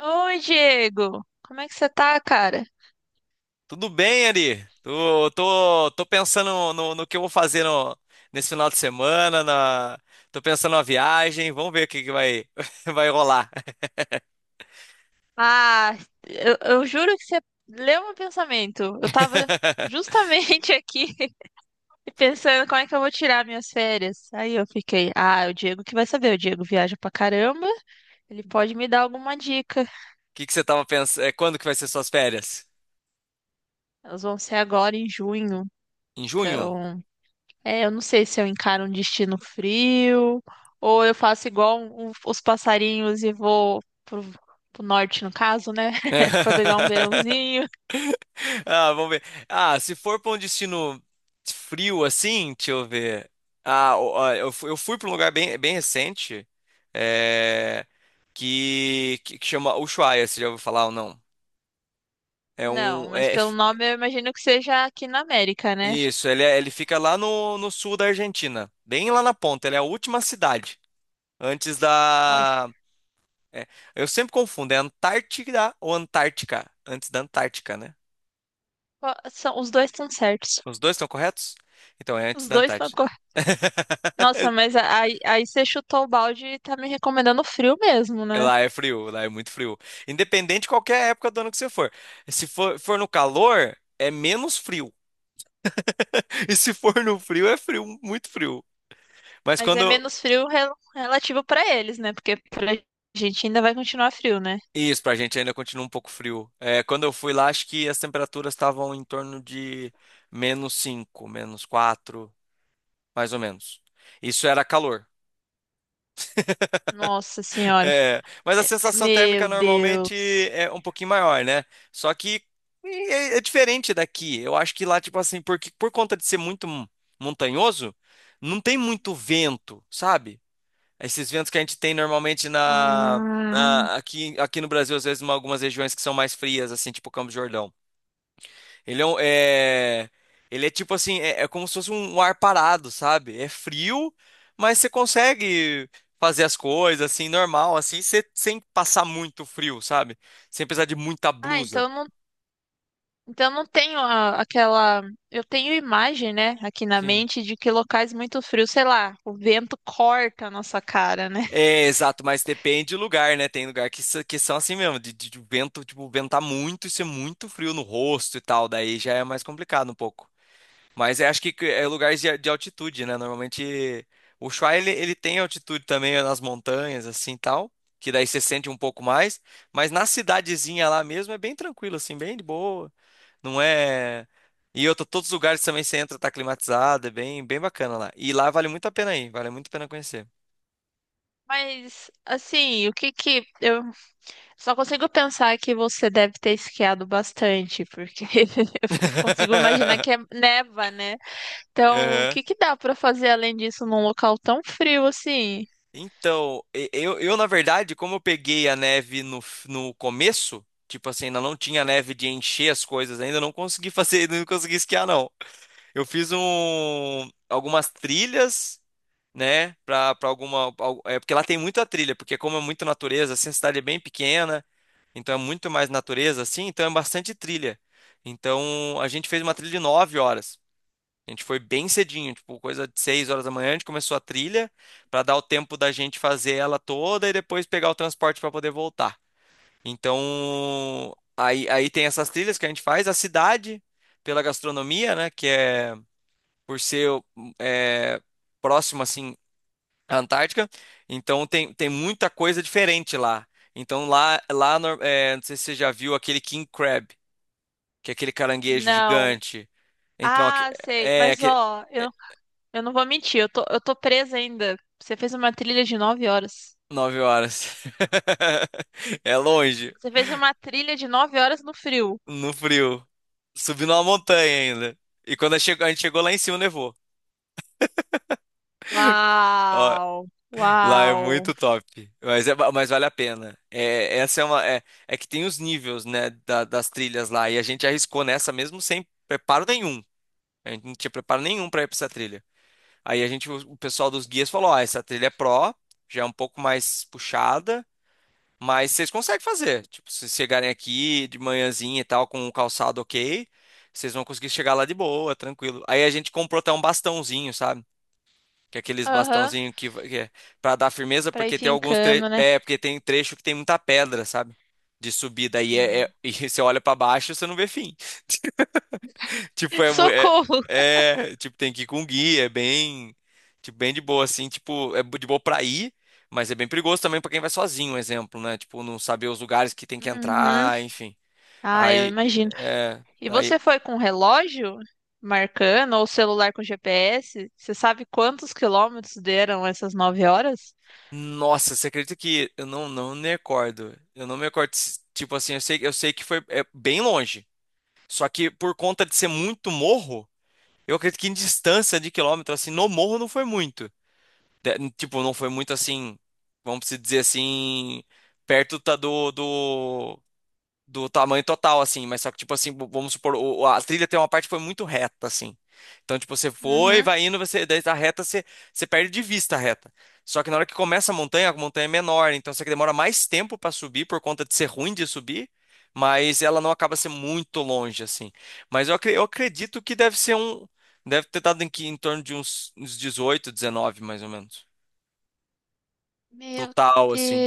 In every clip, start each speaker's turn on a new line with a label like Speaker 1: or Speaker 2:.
Speaker 1: Oi, Diego. Como é que você tá, cara?
Speaker 2: Tudo bem, Ari? Tô pensando no que eu vou fazer nesse final de semana. Tô pensando na viagem. Vamos ver o que vai, vai rolar.
Speaker 1: Ah, eu juro que você leu meu pensamento. Eu tava justamente aqui pensando como é que eu vou tirar minhas férias. Aí eu fiquei, ah, o Diego que vai saber. O Diego viaja pra caramba. Ele pode me dar alguma dica.
Speaker 2: O que você tava pensando? Quando que vai ser suas férias?
Speaker 1: Elas vão ser agora em junho.
Speaker 2: Em junho?
Speaker 1: Então, é, eu não sei se eu encaro um destino frio ou eu faço igual os passarinhos e vou pro norte, no caso, né? Pra pegar um verãozinho.
Speaker 2: Ah, vamos ver. Ah, se for para um destino frio assim, deixa eu ver. Eu fui para um lugar bem, bem recente, é, que chama Ushuaia. Você já ouviu falar ou não? É
Speaker 1: Não,
Speaker 2: um.
Speaker 1: mas
Speaker 2: É,
Speaker 1: pelo nome eu imagino que seja aqui na América, né?
Speaker 2: isso, ele fica lá no sul da Argentina, bem lá na ponta. Ele é a última cidade. Antes
Speaker 1: Olha,
Speaker 2: da. é, eu sempre confundo, é Antártida ou Antártica? Antes da Antártica, né?
Speaker 1: ó, os dois estão certos.
Speaker 2: Os dois estão corretos? Então é antes
Speaker 1: Os
Speaker 2: da
Speaker 1: dois estão
Speaker 2: Antártica.
Speaker 1: corretos. Nossa, mas aí, aí você chutou o balde e tá me recomendando frio mesmo, né?
Speaker 2: Lá é frio, lá é muito frio. Independente de qualquer época do ano que você for. Se for no calor, é menos frio. E se for no frio, é frio, muito frio. Mas
Speaker 1: Mas é
Speaker 2: quando.
Speaker 1: menos frio relativo pra eles, né? Porque pra gente ainda vai continuar frio, né?
Speaker 2: Isso, pra gente ainda continua um pouco frio. É, quando eu fui lá, acho que as temperaturas estavam em torno de menos 5, menos 4, mais ou menos. Isso era calor.
Speaker 1: Nossa senhora.
Speaker 2: É, mas a sensação térmica
Speaker 1: Meu
Speaker 2: normalmente
Speaker 1: Deus.
Speaker 2: é um pouquinho maior, né? Só que é diferente daqui. Eu acho que lá, tipo assim, porque por conta de ser muito montanhoso, não tem muito vento, sabe? Esses ventos que a gente tem normalmente na,
Speaker 1: Ah,
Speaker 2: na- aqui, aqui no Brasil, às vezes, em algumas regiões que são mais frias, assim, tipo Campos do Jordão. Ele é, um- é- ele é tipo assim, é como se fosse um ar parado, sabe? É frio, mas você consegue fazer as coisas assim, normal, assim, sem passar muito frio, sabe? Sem precisar de muita
Speaker 1: ah
Speaker 2: blusa.
Speaker 1: então Então não tenho aquela. Eu tenho imagem, né, aqui na
Speaker 2: Sim.
Speaker 1: mente de que locais muito frios, sei lá, o vento corta a nossa cara, né?
Speaker 2: É, exato, mas depende do lugar, né? Tem lugar que são assim mesmo, de vento, tipo, ventar muito e ser muito frio no rosto e tal, daí já é mais complicado um pouco. Mas acho que é lugares de altitude, né? Normalmente o Ushuaia ele tem altitude também nas montanhas, assim tal, que daí você sente um pouco mais. Mas na cidadezinha lá mesmo é bem tranquilo, assim, bem de boa. Não é. Todos os lugares também você entra, tá climatizado, é bem, bem bacana lá. E lá vale muito a pena ir, vale muito a pena conhecer.
Speaker 1: Mas, assim, o que que. Eu só consigo pensar que você deve ter esquiado bastante, porque eu consigo imaginar que é neva, né? Então, o
Speaker 2: Aham.
Speaker 1: que que dá pra fazer além disso num local tão frio assim?
Speaker 2: Então, eu, na verdade, como eu peguei a neve no começo, tipo assim, ainda não tinha neve de encher as coisas, ainda não consegui fazer, não consegui esquiar, não. Eu fiz algumas trilhas, né, é porque lá tem muita trilha, porque como é muita natureza, assim, a cidade é bem pequena, então é muito mais natureza, assim, então é bastante trilha. Então, a gente fez uma trilha de 9 horas. A gente foi bem cedinho, tipo, coisa de 6 horas da manhã, a gente começou a trilha para dar o tempo da gente fazer ela toda e depois pegar o transporte para poder voltar. Então, aí tem essas trilhas que a gente faz, a cidade, pela gastronomia, né, que é por ser é, próximo assim à Antártica, então tem muita coisa diferente lá. Então lá, não sei se você já viu aquele king crab, que é aquele caranguejo
Speaker 1: Não.
Speaker 2: gigante. Então,
Speaker 1: Ah, sei.
Speaker 2: é,
Speaker 1: Mas ó, eu não vou mentir, eu tô presa ainda. Você fez uma trilha de nove horas.
Speaker 2: 9 horas. É longe,
Speaker 1: Você fez uma trilha de nove horas no frio.
Speaker 2: no frio. Subindo uma montanha ainda. E quando a gente chegou lá em cima, nevou. Ó,
Speaker 1: Uau!
Speaker 2: lá é
Speaker 1: Uau!
Speaker 2: muito top. Mas vale a pena. É, essa é uma. É que tem os níveis, né, das trilhas lá. E a gente arriscou nessa mesmo sem preparo nenhum. A gente não tinha preparo nenhum para ir pra essa trilha. Aí o pessoal dos guias falou: ó, essa trilha já é um pouco mais puxada. Mas vocês conseguem fazer. Tipo, se chegarem aqui de manhãzinha e tal, com o calçado ok, vocês vão conseguir chegar lá de boa, tranquilo. Aí a gente comprou até um bastãozinho, sabe? Que é aqueles
Speaker 1: Aham.
Speaker 2: bastãozinho que é pra dar firmeza,
Speaker 1: Pra ir
Speaker 2: porque tem
Speaker 1: fincando, né?
Speaker 2: porque tem trecho que tem muita pedra, sabe? De subida. E você olha pra baixo, você não vê fim. Tipo,
Speaker 1: Socorro!
Speaker 2: tipo, tem que ir com guia, é bem, tipo, bem de boa, assim, tipo, é de boa pra ir, mas é bem perigoso também pra quem vai sozinho, um exemplo, né? Tipo, não saber os lugares que tem que
Speaker 1: Uhum.
Speaker 2: entrar, enfim.
Speaker 1: Ah, eu
Speaker 2: Aí,
Speaker 1: imagino.
Speaker 2: é,
Speaker 1: E
Speaker 2: aí,
Speaker 1: você foi com relógio marcando ou celular com GPS? Você sabe quantos quilômetros deram essas nove horas?
Speaker 2: Nossa, você acredita que eu não me recordo, tipo assim, eu sei que foi bem longe, só que por conta de ser muito morro, eu acredito que em distância de quilômetro, assim, no morro não foi muito. Tipo, não foi muito assim, vamos se dizer assim, perto tá do, do tamanho total, assim, mas só que, tipo assim, vamos supor, a trilha tem uma parte que foi muito reta, assim. Então, tipo, você foi,
Speaker 1: Uhum.
Speaker 2: vai indo, você, daí a reta, você perde de vista a reta. Só que na hora que começa a montanha é menor, então você demora mais tempo pra subir por conta de ser ruim de subir, mas ela não acaba sendo muito longe, assim. Mas eu acredito que deve ser um. Deve ter dado em torno de uns 18 19 mais ou menos.
Speaker 1: Meu
Speaker 2: Total, assim,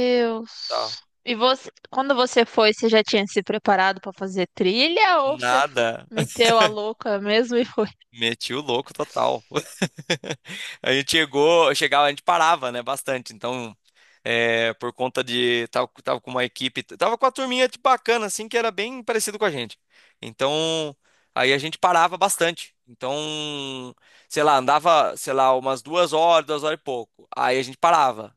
Speaker 2: total.
Speaker 1: E você, quando você foi, você já tinha se preparado para fazer trilha ou você
Speaker 2: Nada.
Speaker 1: meteu a louca mesmo e foi?
Speaker 2: Meti o louco total. A gente chegava, a gente parava, né, bastante. Então, por conta de. Tava com uma equipe, tava com a turminha de bacana, assim, que era bem parecido com a gente. Então, aí a gente parava bastante. Então, sei lá, andava, sei lá, umas 2 horas, 2 horas e pouco. Aí a gente parava.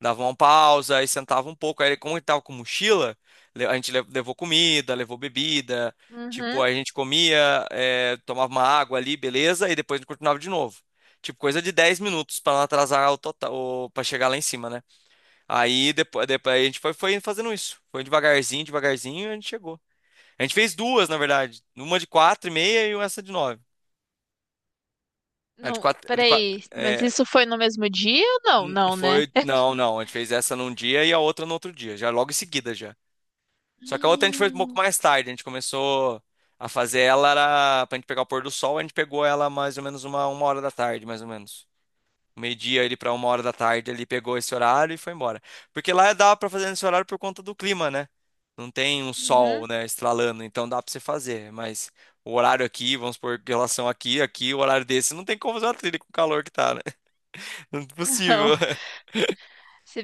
Speaker 2: Dava uma pausa, aí sentava um pouco. Aí, como ele tava com mochila, a gente levou comida, levou bebida. Tipo,
Speaker 1: Uhum.
Speaker 2: a gente comia, tomava uma água ali, beleza, e depois a gente continuava de novo. Tipo, coisa de 10 minutos pra não atrasar o total, para chegar lá em cima, né? Aí depois a gente foi fazendo isso. Foi devagarzinho, devagarzinho, e a gente chegou. A gente fez duas, na verdade. Uma de quatro e meia e essa de nove. A de
Speaker 1: Não,
Speaker 2: quatro, a de quatro,
Speaker 1: peraí, mas
Speaker 2: é,
Speaker 1: isso foi no mesmo dia ou não? Não, né?
Speaker 2: não, não. A gente fez essa num dia e a outra no outro dia, já logo em seguida já. Só que a outra a gente foi um pouco
Speaker 1: Hum.
Speaker 2: mais tarde. A gente começou a fazer ela, era pra gente pegar o pôr do sol, a gente pegou ela mais ou menos uma hora da tarde, mais ou menos. Meio-dia ali pra uma hora da tarde, ele pegou esse horário e foi embora. Porque lá dá pra fazer nesse horário por conta do clima, né? Não tem um
Speaker 1: Uhum.
Speaker 2: sol, né, estralando, então dá pra você fazer. Mas o horário aqui, vamos por relação aqui, o horário desse, não tem como fazer uma trilha com o calor que tá, né? Não é
Speaker 1: Não.
Speaker 2: possível.
Speaker 1: Se,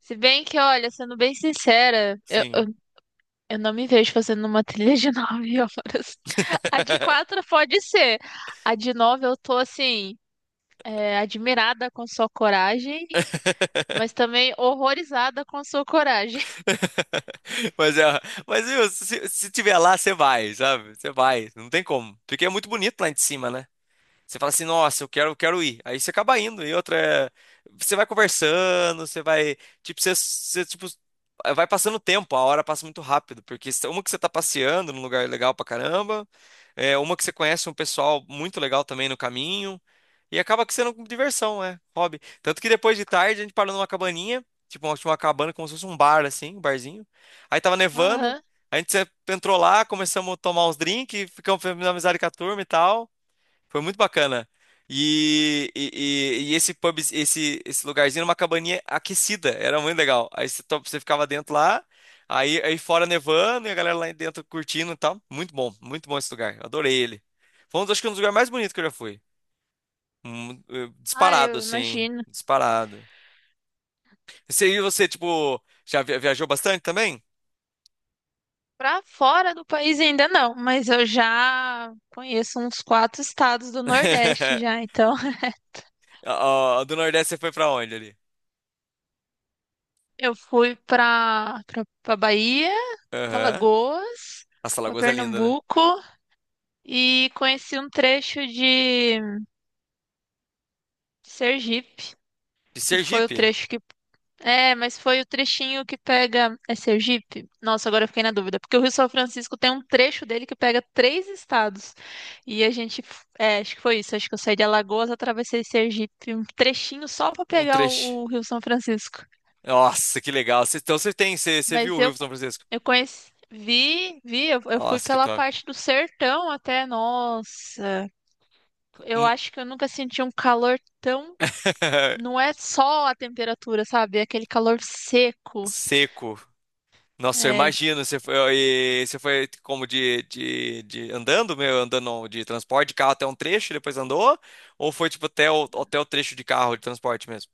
Speaker 1: se bem que, olha, sendo bem sincera,
Speaker 2: Sim.
Speaker 1: eu não me vejo fazendo uma trilha de nove horas. A de quatro pode ser. A de nove eu tô assim, é, admirada com sua coragem mas também horrorizada com a sua coragem.
Speaker 2: Mas, é, mas viu, se tiver lá, você vai, sabe? Você vai, não tem como. Porque é muito bonito lá de cima, né? Você fala assim, nossa, eu quero ir. Aí você acaba indo. E outra é, você vai conversando, você vai, tipo, você, você, tipo, vai passando o tempo, a hora passa muito rápido, porque uma que você tá passeando num lugar legal pra caramba, é uma que você conhece um pessoal muito legal também no caminho, e acaba que sendo diversão, é, hobby. Tanto que depois de tarde a gente parou numa cabaninha, tipo, uma cabana como se fosse um bar assim, um barzinho. Aí tava nevando,
Speaker 1: Aham.
Speaker 2: a gente entrou lá, começamos a tomar uns drinks, ficamos fazendo amizade com a turma e tal. Foi muito bacana. E esse pub, esse lugarzinho era uma cabaninha aquecida, era muito legal. Aí você ficava dentro lá, aí fora nevando e a galera lá dentro curtindo e tal. Muito bom esse lugar. Adorei ele. Foi um dos, acho que um dos lugares mais bonitos que eu já fui.
Speaker 1: Ah,
Speaker 2: Disparado,
Speaker 1: eu
Speaker 2: assim.
Speaker 1: imagino.
Speaker 2: Disparado. Você, tipo, já viajou bastante também?
Speaker 1: Pra fora do país ainda não, mas eu já conheço uns quatro estados do Nordeste já, então
Speaker 2: Ó, do Nordeste você foi pra onde ali?
Speaker 1: eu fui pra Bahia, pra
Speaker 2: Aham.
Speaker 1: Lagoas,
Speaker 2: Nossa,
Speaker 1: pra
Speaker 2: Alagoas é linda, né?
Speaker 1: Pernambuco e conheci um trecho de Sergipe,
Speaker 2: De
Speaker 1: que foi o
Speaker 2: Sergipe,
Speaker 1: trecho que É, mas foi o trechinho que pega. É Sergipe? Nossa, agora eu fiquei na dúvida. Porque o Rio São Francisco tem um trecho dele que pega três estados. E a gente. É, acho que foi isso. Acho que eu saí de Alagoas, atravessei Sergipe. Um trechinho só pra
Speaker 2: um
Speaker 1: pegar
Speaker 2: trecho.
Speaker 1: o Rio São Francisco.
Speaker 2: Nossa, que legal. Então você viu
Speaker 1: Mas
Speaker 2: o Rio São Francisco?
Speaker 1: eu conheci. Vi, vi. Eu fui
Speaker 2: Nossa, que
Speaker 1: pela
Speaker 2: top.
Speaker 1: parte do sertão até. Nossa. Eu acho que eu nunca senti um calor tão. Não é só a temperatura, sabe? É aquele calor seco.
Speaker 2: Seco. Nossa, eu
Speaker 1: É.
Speaker 2: imagino. Você foi como de andando, meu, andando não, de transporte de carro até um trecho, e depois andou? Ou foi tipo até o trecho de carro de transporte mesmo?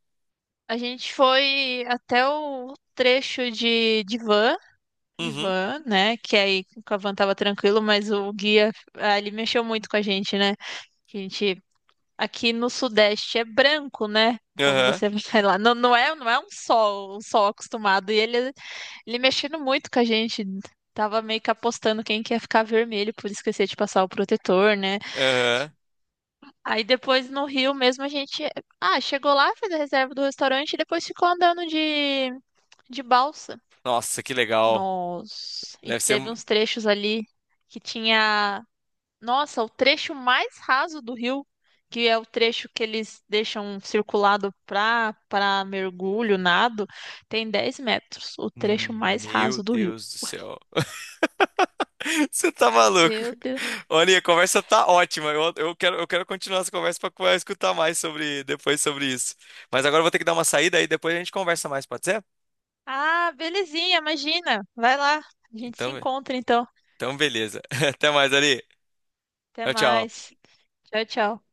Speaker 1: A gente foi até o trecho de
Speaker 2: Uhum.
Speaker 1: van, né? Que aí com a van tava tranquilo, mas o guia ah, ele mexeu muito com a gente, né? Que a gente aqui no Sudeste é branco, né? Quando
Speaker 2: Aham.
Speaker 1: você vai lá, não é, não é um sol acostumado. E ele mexendo muito com a gente. Tava meio que apostando quem que ia ficar vermelho por esquecer de passar o protetor, né?
Speaker 2: Aham.
Speaker 1: Aí depois no Rio mesmo a gente, ah, chegou lá, fez a reserva do restaurante e depois ficou andando de balsa.
Speaker 2: Nossa, que legal.
Speaker 1: Nós. E
Speaker 2: Deve ser.
Speaker 1: teve uns trechos ali que tinha. Nossa, o trecho mais raso do rio, que é o trecho que eles deixam circulado para mergulho, nado, tem 10 metros. O trecho mais raso
Speaker 2: Meu
Speaker 1: do rio.
Speaker 2: Deus do céu. Você tá maluco?
Speaker 1: Meu Deus.
Speaker 2: Olha, a conversa tá ótima. Eu quero continuar essa conversa para escutar mais sobre depois sobre isso. Mas agora eu vou ter que dar uma saída aí depois a gente conversa mais, pode ser?
Speaker 1: Ah, belezinha, imagina. Vai lá. A gente se
Speaker 2: Então,
Speaker 1: encontra então.
Speaker 2: então beleza. Até mais, Ari.
Speaker 1: Até
Speaker 2: Tchau, tchau.
Speaker 1: mais. Tchau, tchau.